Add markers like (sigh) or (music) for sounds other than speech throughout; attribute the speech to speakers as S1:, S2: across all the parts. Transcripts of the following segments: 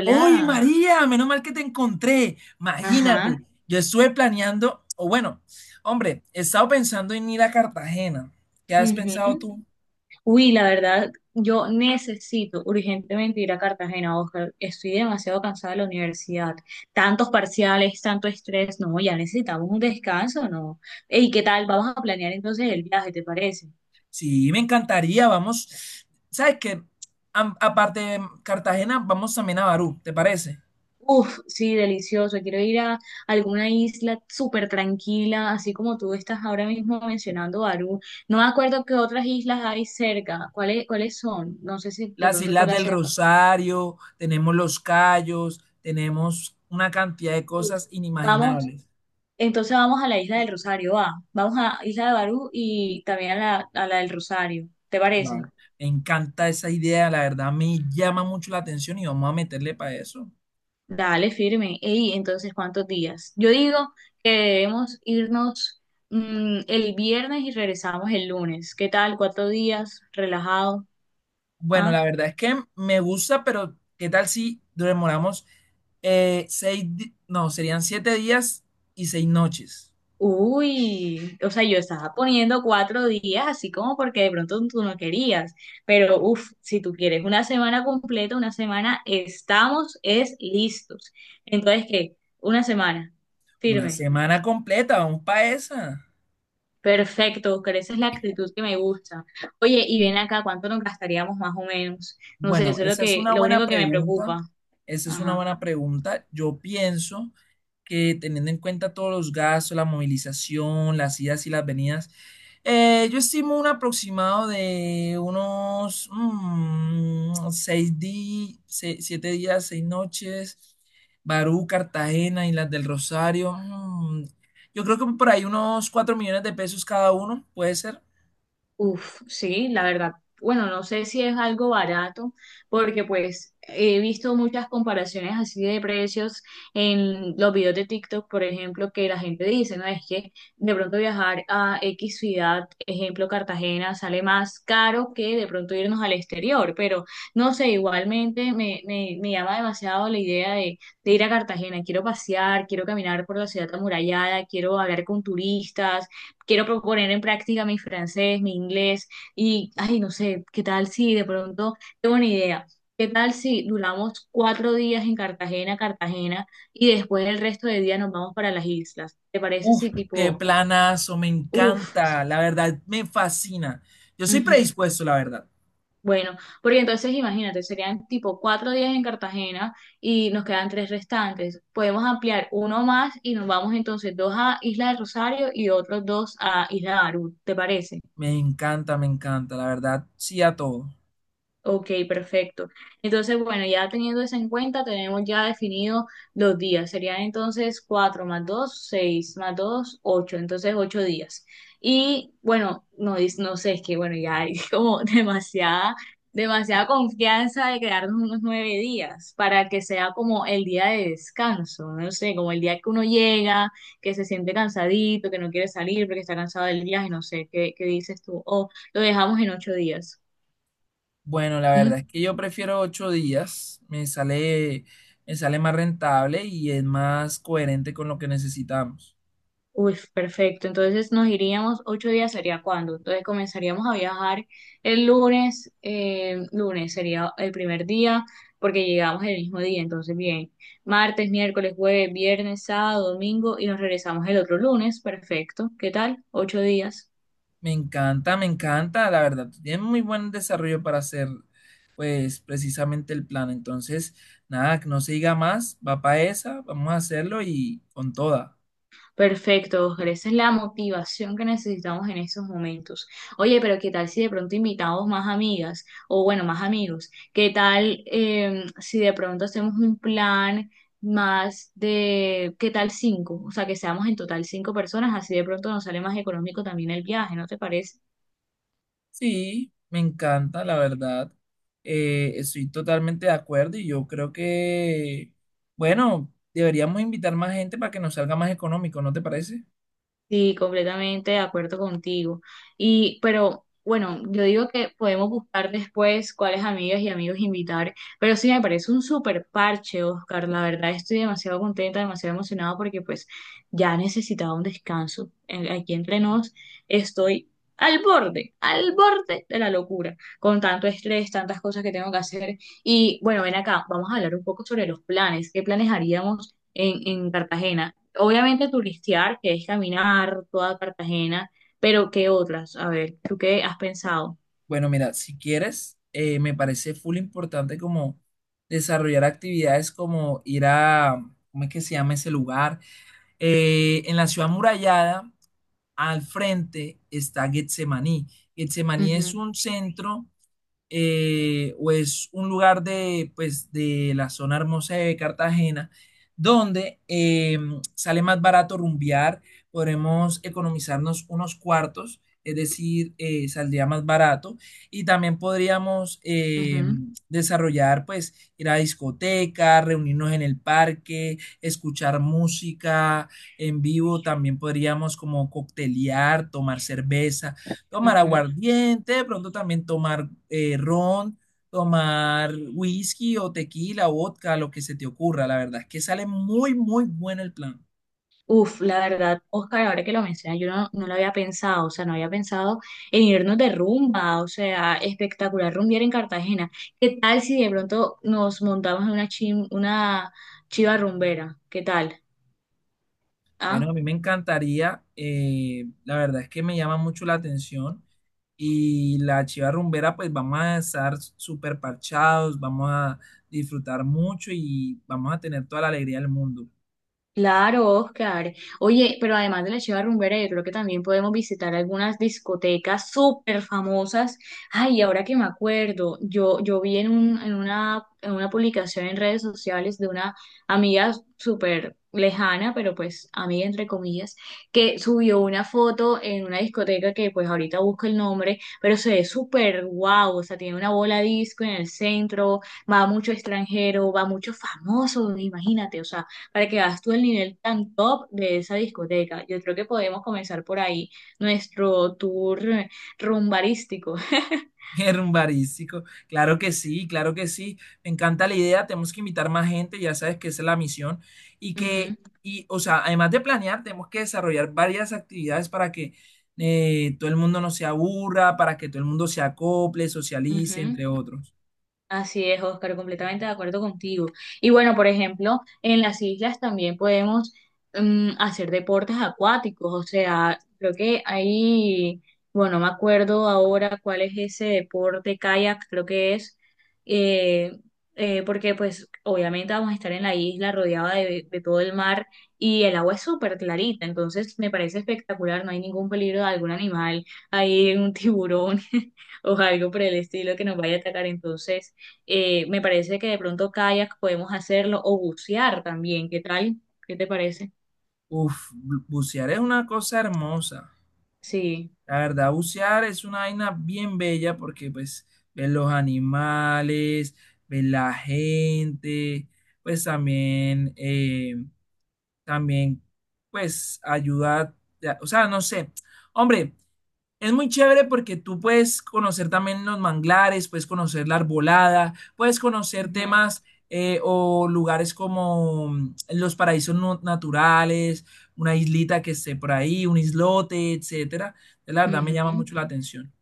S1: ¡Uy, María! Menos mal que te encontré.
S2: ajá,
S1: Imagínate, yo estuve planeando, o bueno, hombre, he estado pensando en ir a Cartagena. ¿Qué has
S2: ujú.
S1: pensado tú?
S2: Uy, la verdad, yo necesito urgentemente ir a Cartagena, Oscar. Estoy demasiado cansada de la universidad. Tantos parciales, tanto estrés, no, ya necesitamos un descanso, ¿no? ¿Y qué tal? Vamos a planear entonces el viaje, ¿te parece?
S1: Sí, me encantaría, vamos. ¿Sabes qué? Aparte de Cartagena, vamos también a Barú, ¿te parece?
S2: Uf, sí, delicioso. Quiero ir a alguna isla súper tranquila, así como tú estás ahora mismo mencionando Barú. No me acuerdo qué otras islas hay cerca. ¿Cuáles son? No sé si de
S1: Las
S2: pronto tú
S1: Islas
S2: las
S1: del
S2: sepas.
S1: Rosario, tenemos los Cayos, tenemos una cantidad de
S2: Uf,
S1: cosas
S2: vamos.
S1: inimaginables.
S2: Entonces vamos a la isla del Rosario, va. Vamos a Isla de Barú y también a la del Rosario. ¿Te parece?
S1: Claro. Me encanta esa idea, la verdad me llama mucho la atención y vamos a meterle para eso.
S2: Dale, firme. Ey, entonces, ¿cuántos días? Yo digo que debemos irnos el viernes y regresamos el lunes. ¿Qué tal? Cuatro días, relajado.
S1: Bueno,
S2: ¿Ah?
S1: la verdad es que me gusta, pero ¿qué tal si demoramos seis, no, serían 7 días y 6 noches?
S2: Uy, o sea, yo estaba poniendo cuatro días, así como porque de pronto tú no querías, pero uff, si tú quieres una semana completa, una semana estamos, es listos. Entonces, ¿qué? Una semana,
S1: Una
S2: firme,
S1: semana completa, vamos para esa.
S2: perfecto, Oscar, esa es la actitud que me gusta. Oye, y ven acá, ¿cuánto nos gastaríamos más o menos? No sé,
S1: Bueno,
S2: eso es lo
S1: esa es
S2: que,
S1: una
S2: lo
S1: buena
S2: único que me
S1: pregunta.
S2: preocupa.
S1: Esa es una
S2: Ajá.
S1: buena pregunta. Yo pienso que teniendo en cuenta todos los gastos, la movilización, las idas y las venidas, yo estimo un aproximado de unos 6 días, 7 días, 6 noches, Barú, Cartagena, Islas del Rosario. Yo creo que por ahí unos 4 millones de pesos cada uno, puede ser.
S2: Uf, sí, la verdad. Bueno, no sé si es algo barato, porque pues he visto muchas comparaciones así de precios en los videos de TikTok, por ejemplo, que la gente dice, ¿no? Es que de pronto viajar a X ciudad, ejemplo Cartagena, sale más caro que de pronto irnos al exterior, pero no sé, igualmente me llama demasiado la idea de ir a Cartagena. Quiero pasear, quiero caminar por la ciudad amurallada, quiero hablar con turistas, quiero proponer en práctica mi francés, mi inglés y, ay, no sé, ¿qué tal si de pronto tengo una idea? ¿Qué tal si duramos cuatro días en Cartagena y después el resto de día nos vamos para las islas? ¿Te parece
S1: Uf,
S2: si
S1: qué
S2: tipo,
S1: planazo, me
S2: uff,
S1: encanta, la verdad, me fascina. Yo soy predispuesto, la verdad.
S2: bueno, porque entonces imagínate, serían tipo cuatro días en Cartagena y nos quedan tres restantes? Podemos ampliar uno más y nos vamos entonces dos a Isla de Rosario y otros dos a Isla de Barú, ¿te parece?
S1: Me encanta, la verdad, sí a todo.
S2: Ok, perfecto. Entonces, bueno, ya teniendo eso en cuenta, tenemos ya definido los días. Serían entonces 4 más 2, 6 más 2, 8. Entonces, 8 días. Y bueno, no, no sé, es que bueno, ya hay (laughs) como demasiada confianza de quedarnos unos 9 días para que sea como el día de descanso. No sé, como el día que uno llega, que se siente cansadito, que no quiere salir porque está cansado del viaje, no sé, ¿qué dices tú? O lo dejamos en 8 días.
S1: Bueno, la
S2: ¿Mm?
S1: verdad es que yo prefiero 8 días, me sale más rentable y es más coherente con lo que necesitamos.
S2: Uy, perfecto. Entonces nos iríamos ocho días, sería cuándo. Entonces comenzaríamos a viajar el lunes. Lunes sería el primer día porque llegamos el mismo día. Entonces bien, martes, miércoles, jueves, viernes, sábado, domingo y nos regresamos el otro lunes. Perfecto. ¿Qué tal? Ocho días.
S1: Me encanta, la verdad. Tiene muy buen desarrollo para hacer, pues, precisamente el plan. Entonces, nada, que no se diga más, va para esa, vamos a hacerlo y con toda.
S2: Perfecto, Oscar. Esa es la motivación que necesitamos en estos momentos. Oye, pero ¿qué tal si de pronto invitamos más amigas o bueno, más amigos? ¿Qué tal si de pronto hacemos un plan más de, ¿qué tal cinco? O sea, que seamos en total cinco personas, así de pronto nos sale más económico también el viaje, ¿no te parece?
S1: Sí, me encanta, la verdad. Estoy totalmente de acuerdo y yo creo que, bueno, deberíamos invitar más gente para que nos salga más económico, ¿no te parece?
S2: Sí, completamente de acuerdo contigo. Y, pero bueno, yo digo que podemos buscar después cuáles amigas y amigos invitar, pero sí me parece un súper parche, Oscar. La verdad estoy demasiado contenta, demasiado emocionada porque pues ya necesitaba un descanso. Aquí entre nos estoy al borde de la locura, con tanto estrés, tantas cosas que tengo que hacer. Y bueno, ven acá, vamos a hablar un poco sobre los planes. ¿Qué planes haríamos en Cartagena? Obviamente turistear, que es caminar toda Cartagena, pero ¿qué otras? A ver, ¿tú qué has pensado?
S1: Bueno, mira, si quieres, me parece full importante como desarrollar actividades como ir a, ¿cómo es que se llama ese lugar? En la ciudad murallada, al frente está Getsemaní. Getsemaní es
S2: Ujú,
S1: un centro o es un lugar de, pues, de la zona hermosa de Cartagena, donde sale más barato rumbear, podremos economizarnos unos cuartos, es decir, saldría más barato, y también podríamos
S2: ujú,
S1: desarrollar, pues, ir a discotecas, reunirnos en el parque, escuchar música en vivo, también podríamos como coctelear, tomar cerveza tomar
S2: ujú.
S1: aguardiente, de pronto también tomar ron, tomar whisky o tequila, vodka, lo que se te ocurra. La verdad es que sale muy, muy bueno el plan.
S2: Uf, la verdad, Oscar, ahora que lo mencionas, yo no, no lo había pensado, o sea, no había pensado en irnos de rumba, o sea, espectacular rumbear en Cartagena. ¿Qué tal si de pronto nos montamos en una chiva rumbera? ¿Qué tal?
S1: Bueno, a
S2: ¿Ah?
S1: mí me encantaría, la verdad es que me llama mucho la atención y la chiva rumbera, pues vamos a estar súper parchados, vamos a disfrutar mucho y vamos a tener toda la alegría del mundo.
S2: Claro, Oscar. Oye, pero además de la Chiva Rumbera, yo creo que también podemos visitar algunas discotecas súper famosas. Ay, ahora que me acuerdo, yo vi en una publicación en redes sociales de una amiga súper lejana, pero pues amiga entre comillas, que subió una foto en una discoteca que pues ahorita busco el nombre, pero se ve súper guau, o sea, tiene una bola disco en el centro, va mucho extranjero, va mucho famoso, imagínate, o sea, para que hagas tú el nivel tan top de esa discoteca. Yo creo que podemos comenzar por ahí nuestro tour rumbarístico. (laughs)
S1: Herbarístico, claro que sí, claro que sí. Me encanta la idea, tenemos que invitar más gente, ya sabes que esa es la misión. Y que,
S2: Ujú,
S1: y, o sea, además de planear, tenemos que desarrollar varias actividades para que todo el mundo no se aburra, para que todo el mundo se acople, socialice,
S2: ujú.
S1: entre otros.
S2: Así es, Oscar, completamente de acuerdo contigo. Y bueno, por ejemplo, en las islas también podemos hacer deportes acuáticos, o sea, creo que ahí, bueno, no me acuerdo ahora cuál es ese deporte, kayak, creo que es, eh, porque pues obviamente vamos a estar en la isla rodeada de todo el mar y el agua es súper clarita, entonces me parece espectacular, no hay ningún peligro de algún animal, hay un tiburón (laughs) o algo por el estilo que nos vaya a atacar, entonces... Me parece que de pronto kayak podemos hacerlo o bucear también. ¿Qué tal? ¿Qué te parece?
S1: Uf, bucear es una cosa hermosa.
S2: Sí.
S1: La verdad, bucear es una vaina bien bella porque pues ves los animales, ves la gente, pues también, también, pues, ayuda, ya, o sea, no sé. Hombre, es muy chévere porque tú puedes conocer también los manglares, puedes conocer la arbolada, puedes conocer
S2: Ujú,
S1: temas o lugares como los paraísos naturales, una islita que esté por ahí, un islote, etcétera. La verdad me llama
S2: ujú.
S1: mucho la atención.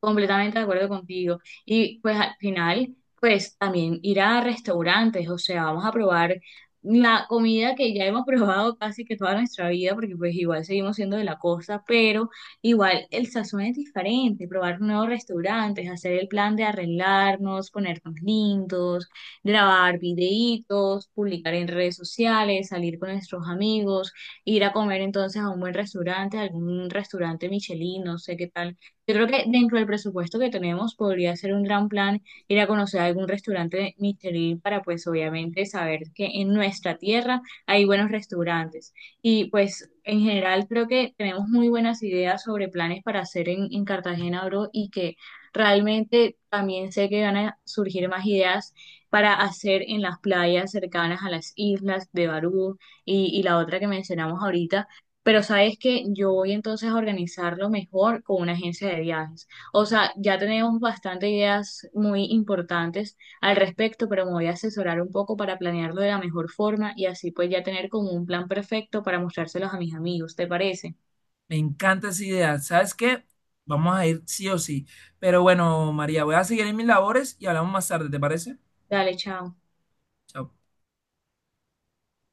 S2: Completamente de acuerdo contigo. Y pues al final, pues también ir a restaurantes, o sea, vamos a probar la comida que ya hemos (laughs) probado casi que toda nuestra vida, porque pues igual seguimos siendo de la costa, pero igual el sazón es diferente, probar nuevos restaurantes, hacer el plan de arreglarnos, ponernos lindos, grabar videitos, publicar en redes sociales, salir con nuestros amigos, ir a comer entonces a un buen restaurante, algún restaurante Michelin, no sé qué tal, yo creo que dentro del presupuesto que tenemos podría ser un gran plan ir a conocer algún restaurante Michelin para pues obviamente saber que en nuestra tierra hay buenos restaurantes. Y pues en general creo que tenemos muy buenas ideas sobre planes para hacer en Cartagena, bro, y que realmente también sé que van a surgir más ideas para hacer en las playas cercanas a las islas de Barú y la otra que mencionamos ahorita. Pero sabes que yo voy entonces a organizarlo mejor con una agencia de viajes. O sea, ya tenemos bastantes ideas muy importantes al respecto, pero me voy a asesorar un poco para planearlo de la mejor forma y así pues ya tener como un plan perfecto para mostrárselos a mis amigos. ¿Te parece?
S1: Me encanta esa idea. ¿Sabes qué? Vamos a ir sí o sí. Pero bueno, María, voy a seguir en mis labores y hablamos más tarde, ¿te parece?
S2: Dale, chao.
S1: Chao.